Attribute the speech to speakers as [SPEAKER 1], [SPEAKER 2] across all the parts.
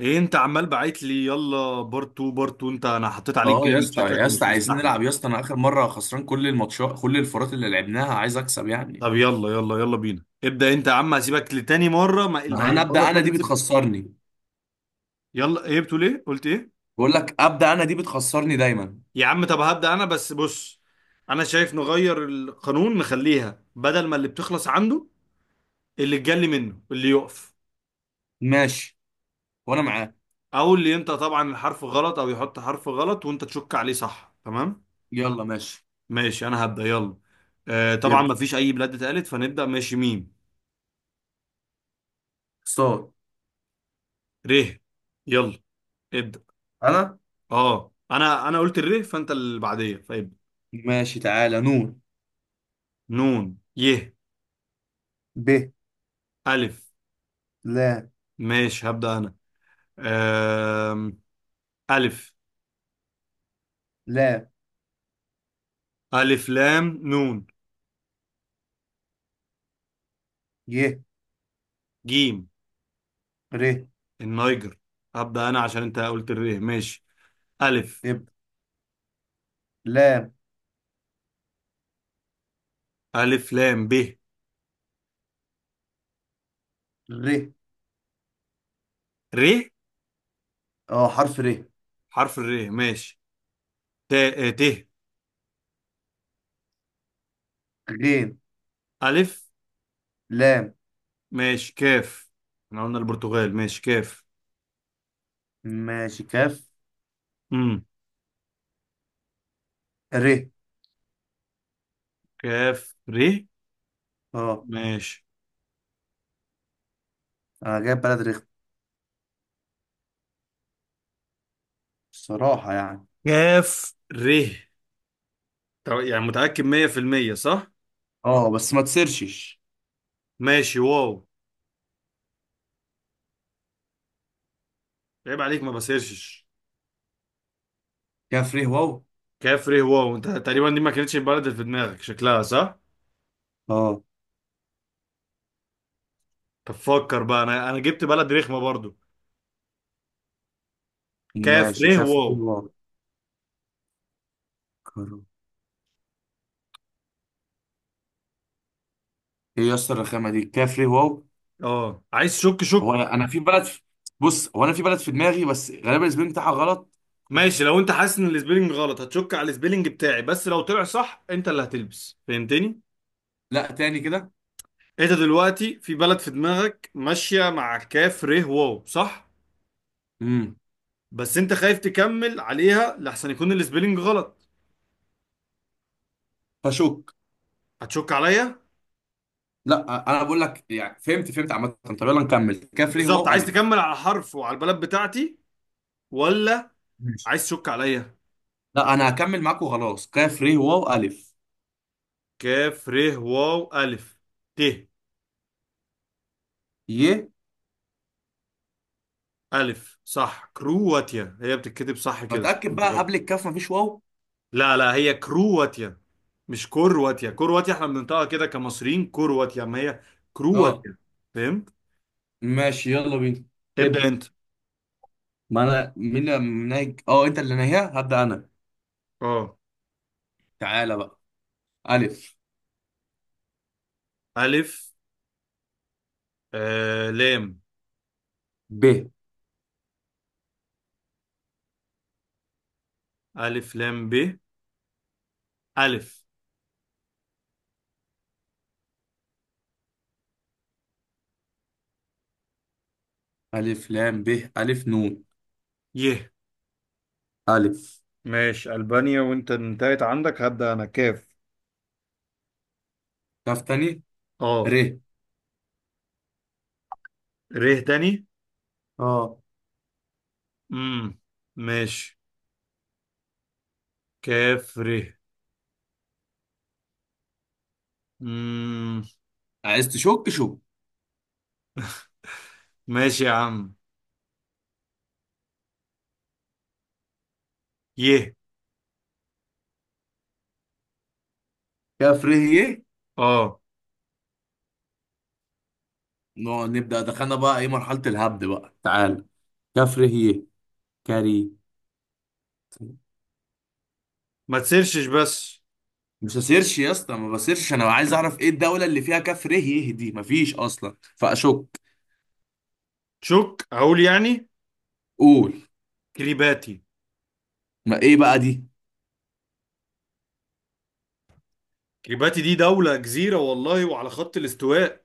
[SPEAKER 1] ايه انت عمال بعت لي؟ يلا بارت 2 بارت 2. انا حطيت عليك
[SPEAKER 2] اه، يا
[SPEAKER 1] جامد
[SPEAKER 2] اسطى
[SPEAKER 1] شكلك
[SPEAKER 2] يا اسطى
[SPEAKER 1] ومش
[SPEAKER 2] عايزين
[SPEAKER 1] مستحمل.
[SPEAKER 2] نلعب يا اسطى. انا اخر مره خسران كل الماتشات، كل الفرات اللي لعبناها، عايز اكسب يعني.
[SPEAKER 1] طب يلا يلا يلا بينا. ابدأ انت يا عم، هسيبك لتاني مرة. ما الم-
[SPEAKER 2] ما انا
[SPEAKER 1] المرة
[SPEAKER 2] ابدا،
[SPEAKER 1] اللي
[SPEAKER 2] انا دي
[SPEAKER 1] فاتت سبت.
[SPEAKER 2] بتخسرني.
[SPEAKER 1] يلا، ايه بتقول؟ ايه قلت؟ ايه؟
[SPEAKER 2] بقول لك ابدا، انا دي بتخسرني دايما.
[SPEAKER 1] يا عم طب هبدأ انا، بس بص. انا شايف نغير القانون، نخليها بدل ما اللي بتخلص عنده، اللي اتجلي منه اللي يقف.
[SPEAKER 2] ماشي، وانا معاك.
[SPEAKER 1] او اللي انت طبعا الحرف غلط، او يحط حرف غلط وانت تشك عليه، صح؟ تمام.
[SPEAKER 2] يلا ماشي.
[SPEAKER 1] ماشي انا هبدأ، يلا. آه طبعا،
[SPEAKER 2] يبدا.
[SPEAKER 1] ما فيش اي بلاد اتقالت، فنبدأ. ماشي، ميم.
[SPEAKER 2] صاد.
[SPEAKER 1] ر. يلا. ابدأ.
[SPEAKER 2] انا.
[SPEAKER 1] اه، انا قلت الر، فانت اللي بعديه فابدأ.
[SPEAKER 2] ماشي تعالى، نون.
[SPEAKER 1] نون ي
[SPEAKER 2] ب.
[SPEAKER 1] الف.
[SPEAKER 2] لا.
[SPEAKER 1] ماشي هبدأ انا. أم... الف.
[SPEAKER 2] لا.
[SPEAKER 1] الف لام. نون.
[SPEAKER 2] ي.
[SPEAKER 1] جيم.
[SPEAKER 2] ر.
[SPEAKER 1] النيجر. هبدأ انا عشان انت قلت الر. ماشي. الف.
[SPEAKER 2] ابدا. لام.
[SPEAKER 1] الف لام ب.
[SPEAKER 2] ر.
[SPEAKER 1] ر.
[SPEAKER 2] اه، حرف ر.
[SPEAKER 1] حرف الر. ماشي. ت، ت.
[SPEAKER 2] غين.
[SPEAKER 1] الف.
[SPEAKER 2] لام.
[SPEAKER 1] ماشي كاف. احنا قلنا البرتغال. ماشي كاف.
[SPEAKER 2] ماشي كاف.
[SPEAKER 1] امم
[SPEAKER 2] ر.
[SPEAKER 1] كاف ر.
[SPEAKER 2] اه،
[SPEAKER 1] ماشي.
[SPEAKER 2] انا جايب بلد رخم الصراحه يعني.
[SPEAKER 1] كاف ر. طب يعني متأكد 100%؟ صح؟
[SPEAKER 2] اه بس ما تسرشش.
[SPEAKER 1] ماشي واو. عيب عليك، ما بسيرشش.
[SPEAKER 2] كفري واو.
[SPEAKER 1] كافري واو. انت تقريبا دي ما كانتش البلد اللي في دماغك، شكلها صح.
[SPEAKER 2] اه.
[SPEAKER 1] طب فكر بقى. انا جبت بلد رخمه برضو.
[SPEAKER 2] ماشي
[SPEAKER 1] كافري واو.
[SPEAKER 2] كفري واو. كرو. ايه يا اسطى، الرخامه دي كفري واو.
[SPEAKER 1] اه، عايز شك؟
[SPEAKER 2] هو
[SPEAKER 1] شك.
[SPEAKER 2] انا أنا في بلد في... بص، هو انا في بلد في دماغي، بس غالبا الاسم بتاعها غلط.
[SPEAKER 1] ماشي، لو انت حاسس ان السبيلنج غلط هتشك على السبيلنج بتاعي، بس لو طلع صح انت اللي هتلبس. فهمتني؟
[SPEAKER 2] لا، تاني كده.
[SPEAKER 1] انت دلوقتي في بلد في دماغك ماشيه مع كافري واو، صح؟
[SPEAKER 2] امم.
[SPEAKER 1] بس انت خايف تكمل عليها لحسن يكون السبيلنج غلط.
[SPEAKER 2] فشوك.
[SPEAKER 1] هتشك عليا؟
[SPEAKER 2] لا، انا بقول لك يعني، فهمت فهمت عامه. طب يلا نكمل، كفري
[SPEAKER 1] بالظبط،
[SPEAKER 2] واو
[SPEAKER 1] عايز
[SPEAKER 2] الف.
[SPEAKER 1] تكمل على حرف وعلى البلد بتاعتي؟ ولا
[SPEAKER 2] ماشي.
[SPEAKER 1] عايز تشك عليا؟
[SPEAKER 2] لا، انا هكمل معاك وخلاص، كفري واو الف.
[SPEAKER 1] كاف ر واو الف. ت.
[SPEAKER 2] ي.
[SPEAKER 1] الف، صح. كرواتيا هي بتتكتب صح كده،
[SPEAKER 2] بتاكد
[SPEAKER 1] مش
[SPEAKER 2] بقى،
[SPEAKER 1] غلط.
[SPEAKER 2] قبل الكاف مفيش واو؟
[SPEAKER 1] لا لا، هي كرواتيا. مش كرواتيا، كرواتيا. احنا بننطقها كده كمصريين، كرواتيا. ما هي
[SPEAKER 2] اه.
[SPEAKER 1] كرواتيا. فهمت؟
[SPEAKER 2] ماشي يلا بينا.
[SPEAKER 1] ابدأ
[SPEAKER 2] ابدا.
[SPEAKER 1] انت.
[SPEAKER 2] ما انا مين اللي نايج، انت اللي ناهيها هبدا انا.
[SPEAKER 1] اه.
[SPEAKER 2] تعالى بقى. ألف.
[SPEAKER 1] الف. لام.
[SPEAKER 2] ب.
[SPEAKER 1] الف لام ب. الف.
[SPEAKER 2] ألف لام ب. ألف نون.
[SPEAKER 1] ي.
[SPEAKER 2] ألف.
[SPEAKER 1] ماشي، ألبانيا. وانت انتهيت عندك، هبدأ انا. كاف.
[SPEAKER 2] كاف تاني.
[SPEAKER 1] اه.
[SPEAKER 2] ر.
[SPEAKER 1] ر تاني.
[SPEAKER 2] اه،
[SPEAKER 1] امم ماشي. كاف ر. مم.
[SPEAKER 2] عايز تشك شك.
[SPEAKER 1] ماشي يا عم. يه.
[SPEAKER 2] كاف ر ي.
[SPEAKER 1] اه.
[SPEAKER 2] نقعد نبدأ، دخلنا بقى إيه، مرحلة الهبد بقى؟ تعال. كاف ر ي. كاري.
[SPEAKER 1] ما تسيرشش بس.
[SPEAKER 2] مش هسيرش يا اسطى، ما بسيرش، أنا عايز أعرف إيه الدولة اللي فيها كاف ر ي دي، مفيش أصلا فأشك.
[SPEAKER 1] تشوك؟ اقول يعني.
[SPEAKER 2] قول.
[SPEAKER 1] كريباتي.
[SPEAKER 2] ما إيه بقى دي؟
[SPEAKER 1] كريباتي دي دولة جزيرة والله، وعلى خط الاستواء.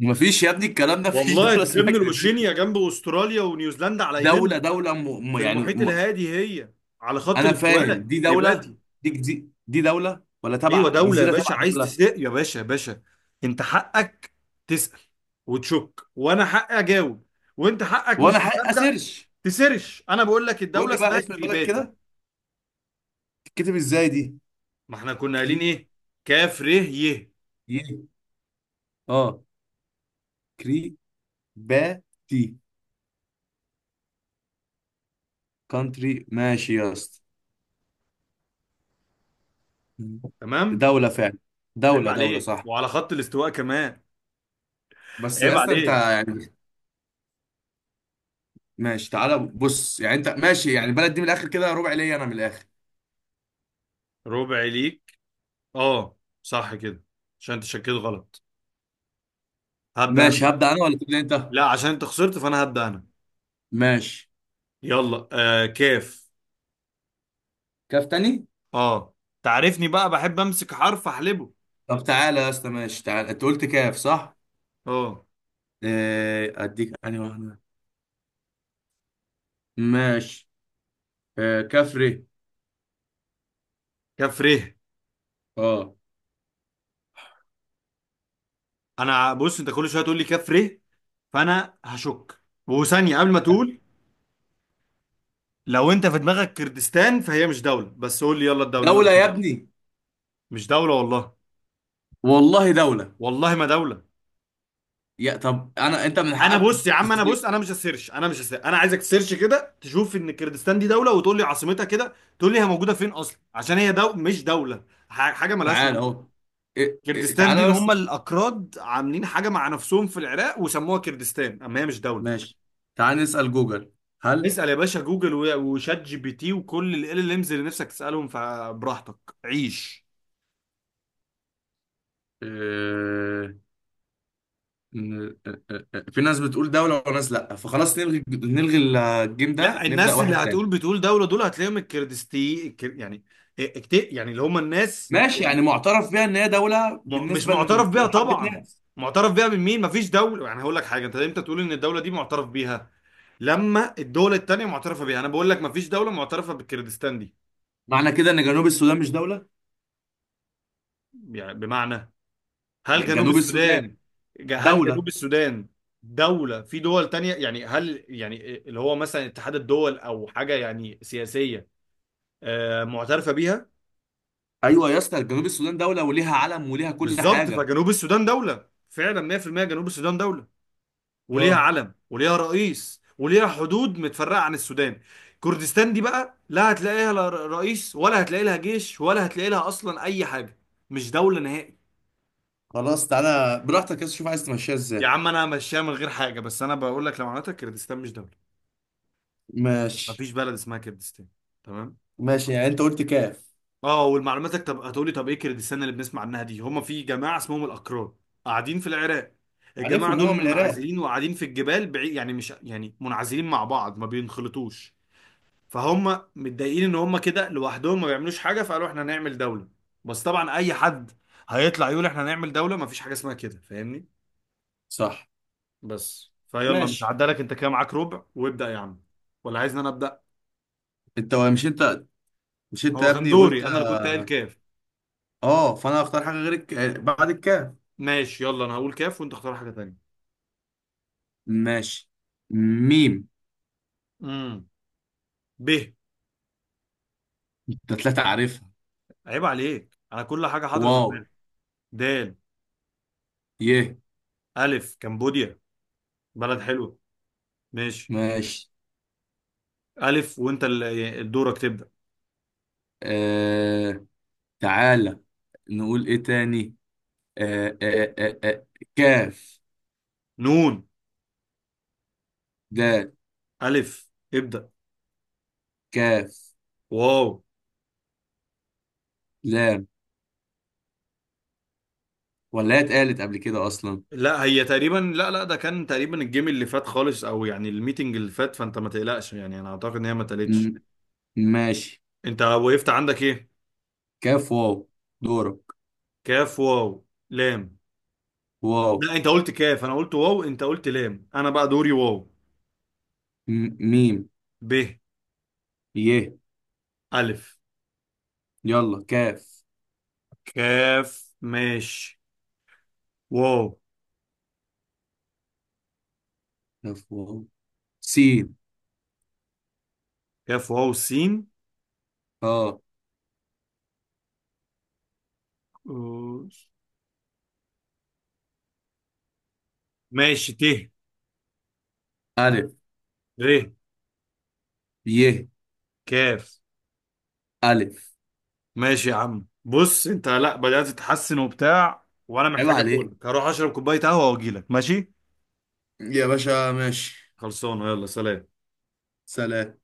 [SPEAKER 2] مفيش يا ابني، الكلام ده، مفيش
[SPEAKER 1] والله،
[SPEAKER 2] دولة اسمها
[SPEAKER 1] ضمن
[SPEAKER 2] كريبات.
[SPEAKER 1] الأوشينيا، جنب أستراليا ونيوزيلندا، على يمينهم.
[SPEAKER 2] دولة دولة
[SPEAKER 1] في
[SPEAKER 2] يعني.
[SPEAKER 1] المحيط الهادي. هي على خط
[SPEAKER 2] انا فاهم
[SPEAKER 1] الاستواء،
[SPEAKER 2] دي دوله.
[SPEAKER 1] كريباتي.
[SPEAKER 2] دي دوله، ولا تبع
[SPEAKER 1] أيوة دولة يا
[SPEAKER 2] جزيره تبع
[SPEAKER 1] باشا. عايز
[SPEAKER 2] دوله؟
[SPEAKER 1] تسرق يا باشا؟ يا باشا، أنت حقك تسأل وتشك، وأنا حقي أجاوب، وأنت حقك
[SPEAKER 2] وانا
[SPEAKER 1] مش
[SPEAKER 2] حق
[SPEAKER 1] مصدق.
[SPEAKER 2] اسيرش.
[SPEAKER 1] تسرش، أنا بقول لك
[SPEAKER 2] قول
[SPEAKER 1] الدولة
[SPEAKER 2] لي بقى
[SPEAKER 1] اسمها
[SPEAKER 2] اسم البلد
[SPEAKER 1] كريباتي.
[SPEAKER 2] كده، تتكتب ازاي دي؟
[SPEAKER 1] ما احنا كنا قايلين
[SPEAKER 2] كري.
[SPEAKER 1] ايه؟ كاف ر ي.
[SPEAKER 2] ي. اه. كري. با. تي. كونتري ماشي يا اسطى.
[SPEAKER 1] تمام.
[SPEAKER 2] دوله فعلا.
[SPEAKER 1] عيب
[SPEAKER 2] دوله دوله
[SPEAKER 1] عليك،
[SPEAKER 2] صح.
[SPEAKER 1] وعلى خط الاستواء كمان.
[SPEAKER 2] بس يا
[SPEAKER 1] عيب
[SPEAKER 2] اسطى انت
[SPEAKER 1] عليك.
[SPEAKER 2] يعني. ماشي، تعالى بص يعني، انت ماشي يعني، البلد دي من الاخر كده ربع ليا انا من الاخر.
[SPEAKER 1] ربع ليك، اه، صح كده. عشان انت شكيت غلط. هبدأ انا
[SPEAKER 2] ماشي،
[SPEAKER 1] بقى.
[SPEAKER 2] هبدأ انا ولا تبدأ انت؟
[SPEAKER 1] لا، عشان انت خسرت فانا هبدأ انا.
[SPEAKER 2] ماشي.
[SPEAKER 1] يلا، كاف.
[SPEAKER 2] كاف تاني.
[SPEAKER 1] اه. تعرفني بقى، بحب امسك حرف احلبه.
[SPEAKER 2] طب تعالى يا اسطى، ماشي تعالى، انت قلت كاف صح؟
[SPEAKER 1] اه.
[SPEAKER 2] اديك انهي واحده. ماشي. كفري.
[SPEAKER 1] كاف ر.
[SPEAKER 2] اه.
[SPEAKER 1] انا بص، انت كل شويه تقول لي كاف ر، فانا هشك. وثانيه قبل ما تقول، لو انت في دماغك كردستان فهي مش دوله. بس قول لي يلا الدوله، انا
[SPEAKER 2] دوله يا
[SPEAKER 1] بشوف.
[SPEAKER 2] ابني.
[SPEAKER 1] مش دوله والله.
[SPEAKER 2] والله دوله.
[SPEAKER 1] والله ما دولة.
[SPEAKER 2] يا طب انا، انت من
[SPEAKER 1] انا
[SPEAKER 2] حقك
[SPEAKER 1] بص يا عم، انا
[SPEAKER 2] تسال.
[SPEAKER 1] بص، انا مش هسيرش، انا مش هسيرش. انا عايزك تسيرش كده تشوف ان كردستان دي دولة، وتقول لي عاصمتها كده، تقول لي هي موجودة فين اصلا. عشان هي مش دولة، حاجة ملهاش
[SPEAKER 2] تعال
[SPEAKER 1] وجود.
[SPEAKER 2] اهو. إيه- إيه،
[SPEAKER 1] كردستان دي
[SPEAKER 2] تعالى
[SPEAKER 1] اللي هم
[SPEAKER 2] بس.
[SPEAKER 1] الاكراد عاملين حاجة مع نفسهم في العراق وسموها كردستان، اما هي مش دولة.
[SPEAKER 2] ماشي. تعال نسال جوجل. هل.
[SPEAKER 1] اسأل يا باشا جوجل و- وشات جي بي تي وكل ال امز اللي نفسك تسألهم، فبراحتك عيش.
[SPEAKER 2] آه، في ناس بتقول دوله وناس لا، فخلاص نلغي نلغي. الجيم
[SPEAKER 1] لا،
[SPEAKER 2] ده نبدا
[SPEAKER 1] الناس اللي
[SPEAKER 2] واحد تاني.
[SPEAKER 1] هتقول بتقول دولة دول هتلاقيهم الكردستي يعني. إيه، يعني اللي هم الناس.
[SPEAKER 2] ماشي، يعني معترف بيها ان هي دوله
[SPEAKER 1] مش
[SPEAKER 2] بالنسبه
[SPEAKER 1] معترف بيها
[SPEAKER 2] لحبه
[SPEAKER 1] طبعا.
[SPEAKER 2] ناس؟
[SPEAKER 1] معترف بيها من مين؟ مفيش دولة. يعني هقول لك حاجة، انت امتى تقول ان الدولة دي معترف بيها؟ لما الدولة التانية معترفة بيها. انا بقول لك مفيش دولة معترفة بالكردستان دي.
[SPEAKER 2] معنى كده ان جنوب السودان مش دوله؟
[SPEAKER 1] يعني بمعنى، هل جنوب
[SPEAKER 2] جنوب السودان.
[SPEAKER 1] السودان، هل
[SPEAKER 2] دوله.
[SPEAKER 1] جنوب السودان دولة في دول تانية؟ يعني هل يعني اللي هو مثلا اتحاد الدول او حاجة يعني سياسية معترفة بيها؟
[SPEAKER 2] ايوه يا اسطى، جنوب السودان دوله وليها علم وليها كل
[SPEAKER 1] بالظبط،
[SPEAKER 2] حاجه.
[SPEAKER 1] فجنوب السودان دولة فعلا 100%. جنوب السودان دولة وليها
[SPEAKER 2] اه.
[SPEAKER 1] علم وليها رئيس وليها حدود متفرقة عن السودان. كردستان دي بقى، لا هتلاقي لها رئيس، ولا هتلاقي لها جيش، ولا هتلاقي لها أصلا أي حاجة. مش دولة نهائي.
[SPEAKER 2] خلاص، تعالى براحتك يا اسطى، شوف عايز تمشيها
[SPEAKER 1] يا
[SPEAKER 2] ازاي.
[SPEAKER 1] عم أنا ماشيها من غير حاجة، بس أنا بقول لك لو معناتها كردستان مش دولة،
[SPEAKER 2] ماشي.
[SPEAKER 1] مفيش بلد اسمها كردستان. تمام.
[SPEAKER 2] ماشي يعني انت قلت كاف.
[SPEAKER 1] اه، والمعلوماتك طب هتقولي طب ايه كردستان اللي بنسمع عنها دي؟ هما في جماعة اسمهم الأكراد، قاعدين في العراق. الجماعة
[SPEAKER 2] عارفهم
[SPEAKER 1] دول
[SPEAKER 2] هما من العراق.
[SPEAKER 1] منعزلين وقاعدين في الجبال بعيد، يعني مش، يعني منعزلين مع بعض ما بينخلطوش. فهم متضايقين ان هم كده لوحدهم ما بيعملوش حاجه، فقالوا احنا هنعمل دوله. بس طبعا اي حد هيطلع يقول احنا هنعمل دوله، ما فيش حاجه اسمها كده. فاهمني؟
[SPEAKER 2] صح.
[SPEAKER 1] بس فيلا، مش
[SPEAKER 2] ماشي.
[SPEAKER 1] عدالك انت كده، معاك ربع. وابدا يا عم. ولا عايزني انا ابدا؟
[SPEAKER 2] مش انت مش انت
[SPEAKER 1] هو
[SPEAKER 2] يا
[SPEAKER 1] كان
[SPEAKER 2] ابني قلت.
[SPEAKER 1] دوري، انا اللي كنت قايل كاف.
[SPEAKER 2] اه، فانا هختار حاجه غير بعد الكاف.
[SPEAKER 1] ماشي يلا، انا هقول كاف وانت اختار حاجه تانية.
[SPEAKER 2] ماشي. ميم.
[SPEAKER 1] امم ب.
[SPEAKER 2] انت ثلاثه عارفها.
[SPEAKER 1] عيب عليك، انا كل حاجه حاضره في
[SPEAKER 2] واو.
[SPEAKER 1] دماغي. دال.
[SPEAKER 2] يه.
[SPEAKER 1] الف. كمبوديا، بلد حلوه. ماشي.
[SPEAKER 2] ماشي.
[SPEAKER 1] الف. وانت دورك تبدا.
[SPEAKER 2] آه... تعالى، نقول ايه تاني؟ آه... آه... آه... آه... كاف.
[SPEAKER 1] نون.
[SPEAKER 2] دال.
[SPEAKER 1] الف. ابدا.
[SPEAKER 2] كاف.
[SPEAKER 1] واو.
[SPEAKER 2] لام. ولا هي اتقالت قبل كده اصلا؟
[SPEAKER 1] لا هي تقريبا، لا لا، ده كان تقريبا الجيم اللي فات خالص، او يعني الميتنج اللي فات. فانت ما تقلقش، يعني انا اعتقد ان هي ما اتقالتش.
[SPEAKER 2] م- ماشي.
[SPEAKER 1] انت وقفت عندك ايه؟
[SPEAKER 2] كاف واو. دورك.
[SPEAKER 1] كاف واو لام.
[SPEAKER 2] واو.
[SPEAKER 1] لا، انت قلت كاف، انا قلت واو، انت قلت لام، انا بقى دوري واو.
[SPEAKER 2] ميم.
[SPEAKER 1] ب.
[SPEAKER 2] يه.
[SPEAKER 1] الف.
[SPEAKER 2] يلا كاف.
[SPEAKER 1] كاف ماشي. واو.
[SPEAKER 2] كاف واو سين.
[SPEAKER 1] كاف واو سين.
[SPEAKER 2] اه.
[SPEAKER 1] أوش. ماشي ت.
[SPEAKER 2] الف.
[SPEAKER 1] ر.
[SPEAKER 2] يه.
[SPEAKER 1] كاف.
[SPEAKER 2] الف.
[SPEAKER 1] ماشي يا عم، بص انت لا بدأت تتحسن وبتاع، وانا
[SPEAKER 2] عيب
[SPEAKER 1] محتاج
[SPEAKER 2] عليك
[SPEAKER 1] اقولك هروح اشرب كوبايه قهوه واجيلك. ماشي؟
[SPEAKER 2] يا باشا. ماشي.
[SPEAKER 1] خلصانه، يلا سلام.
[SPEAKER 2] سلام.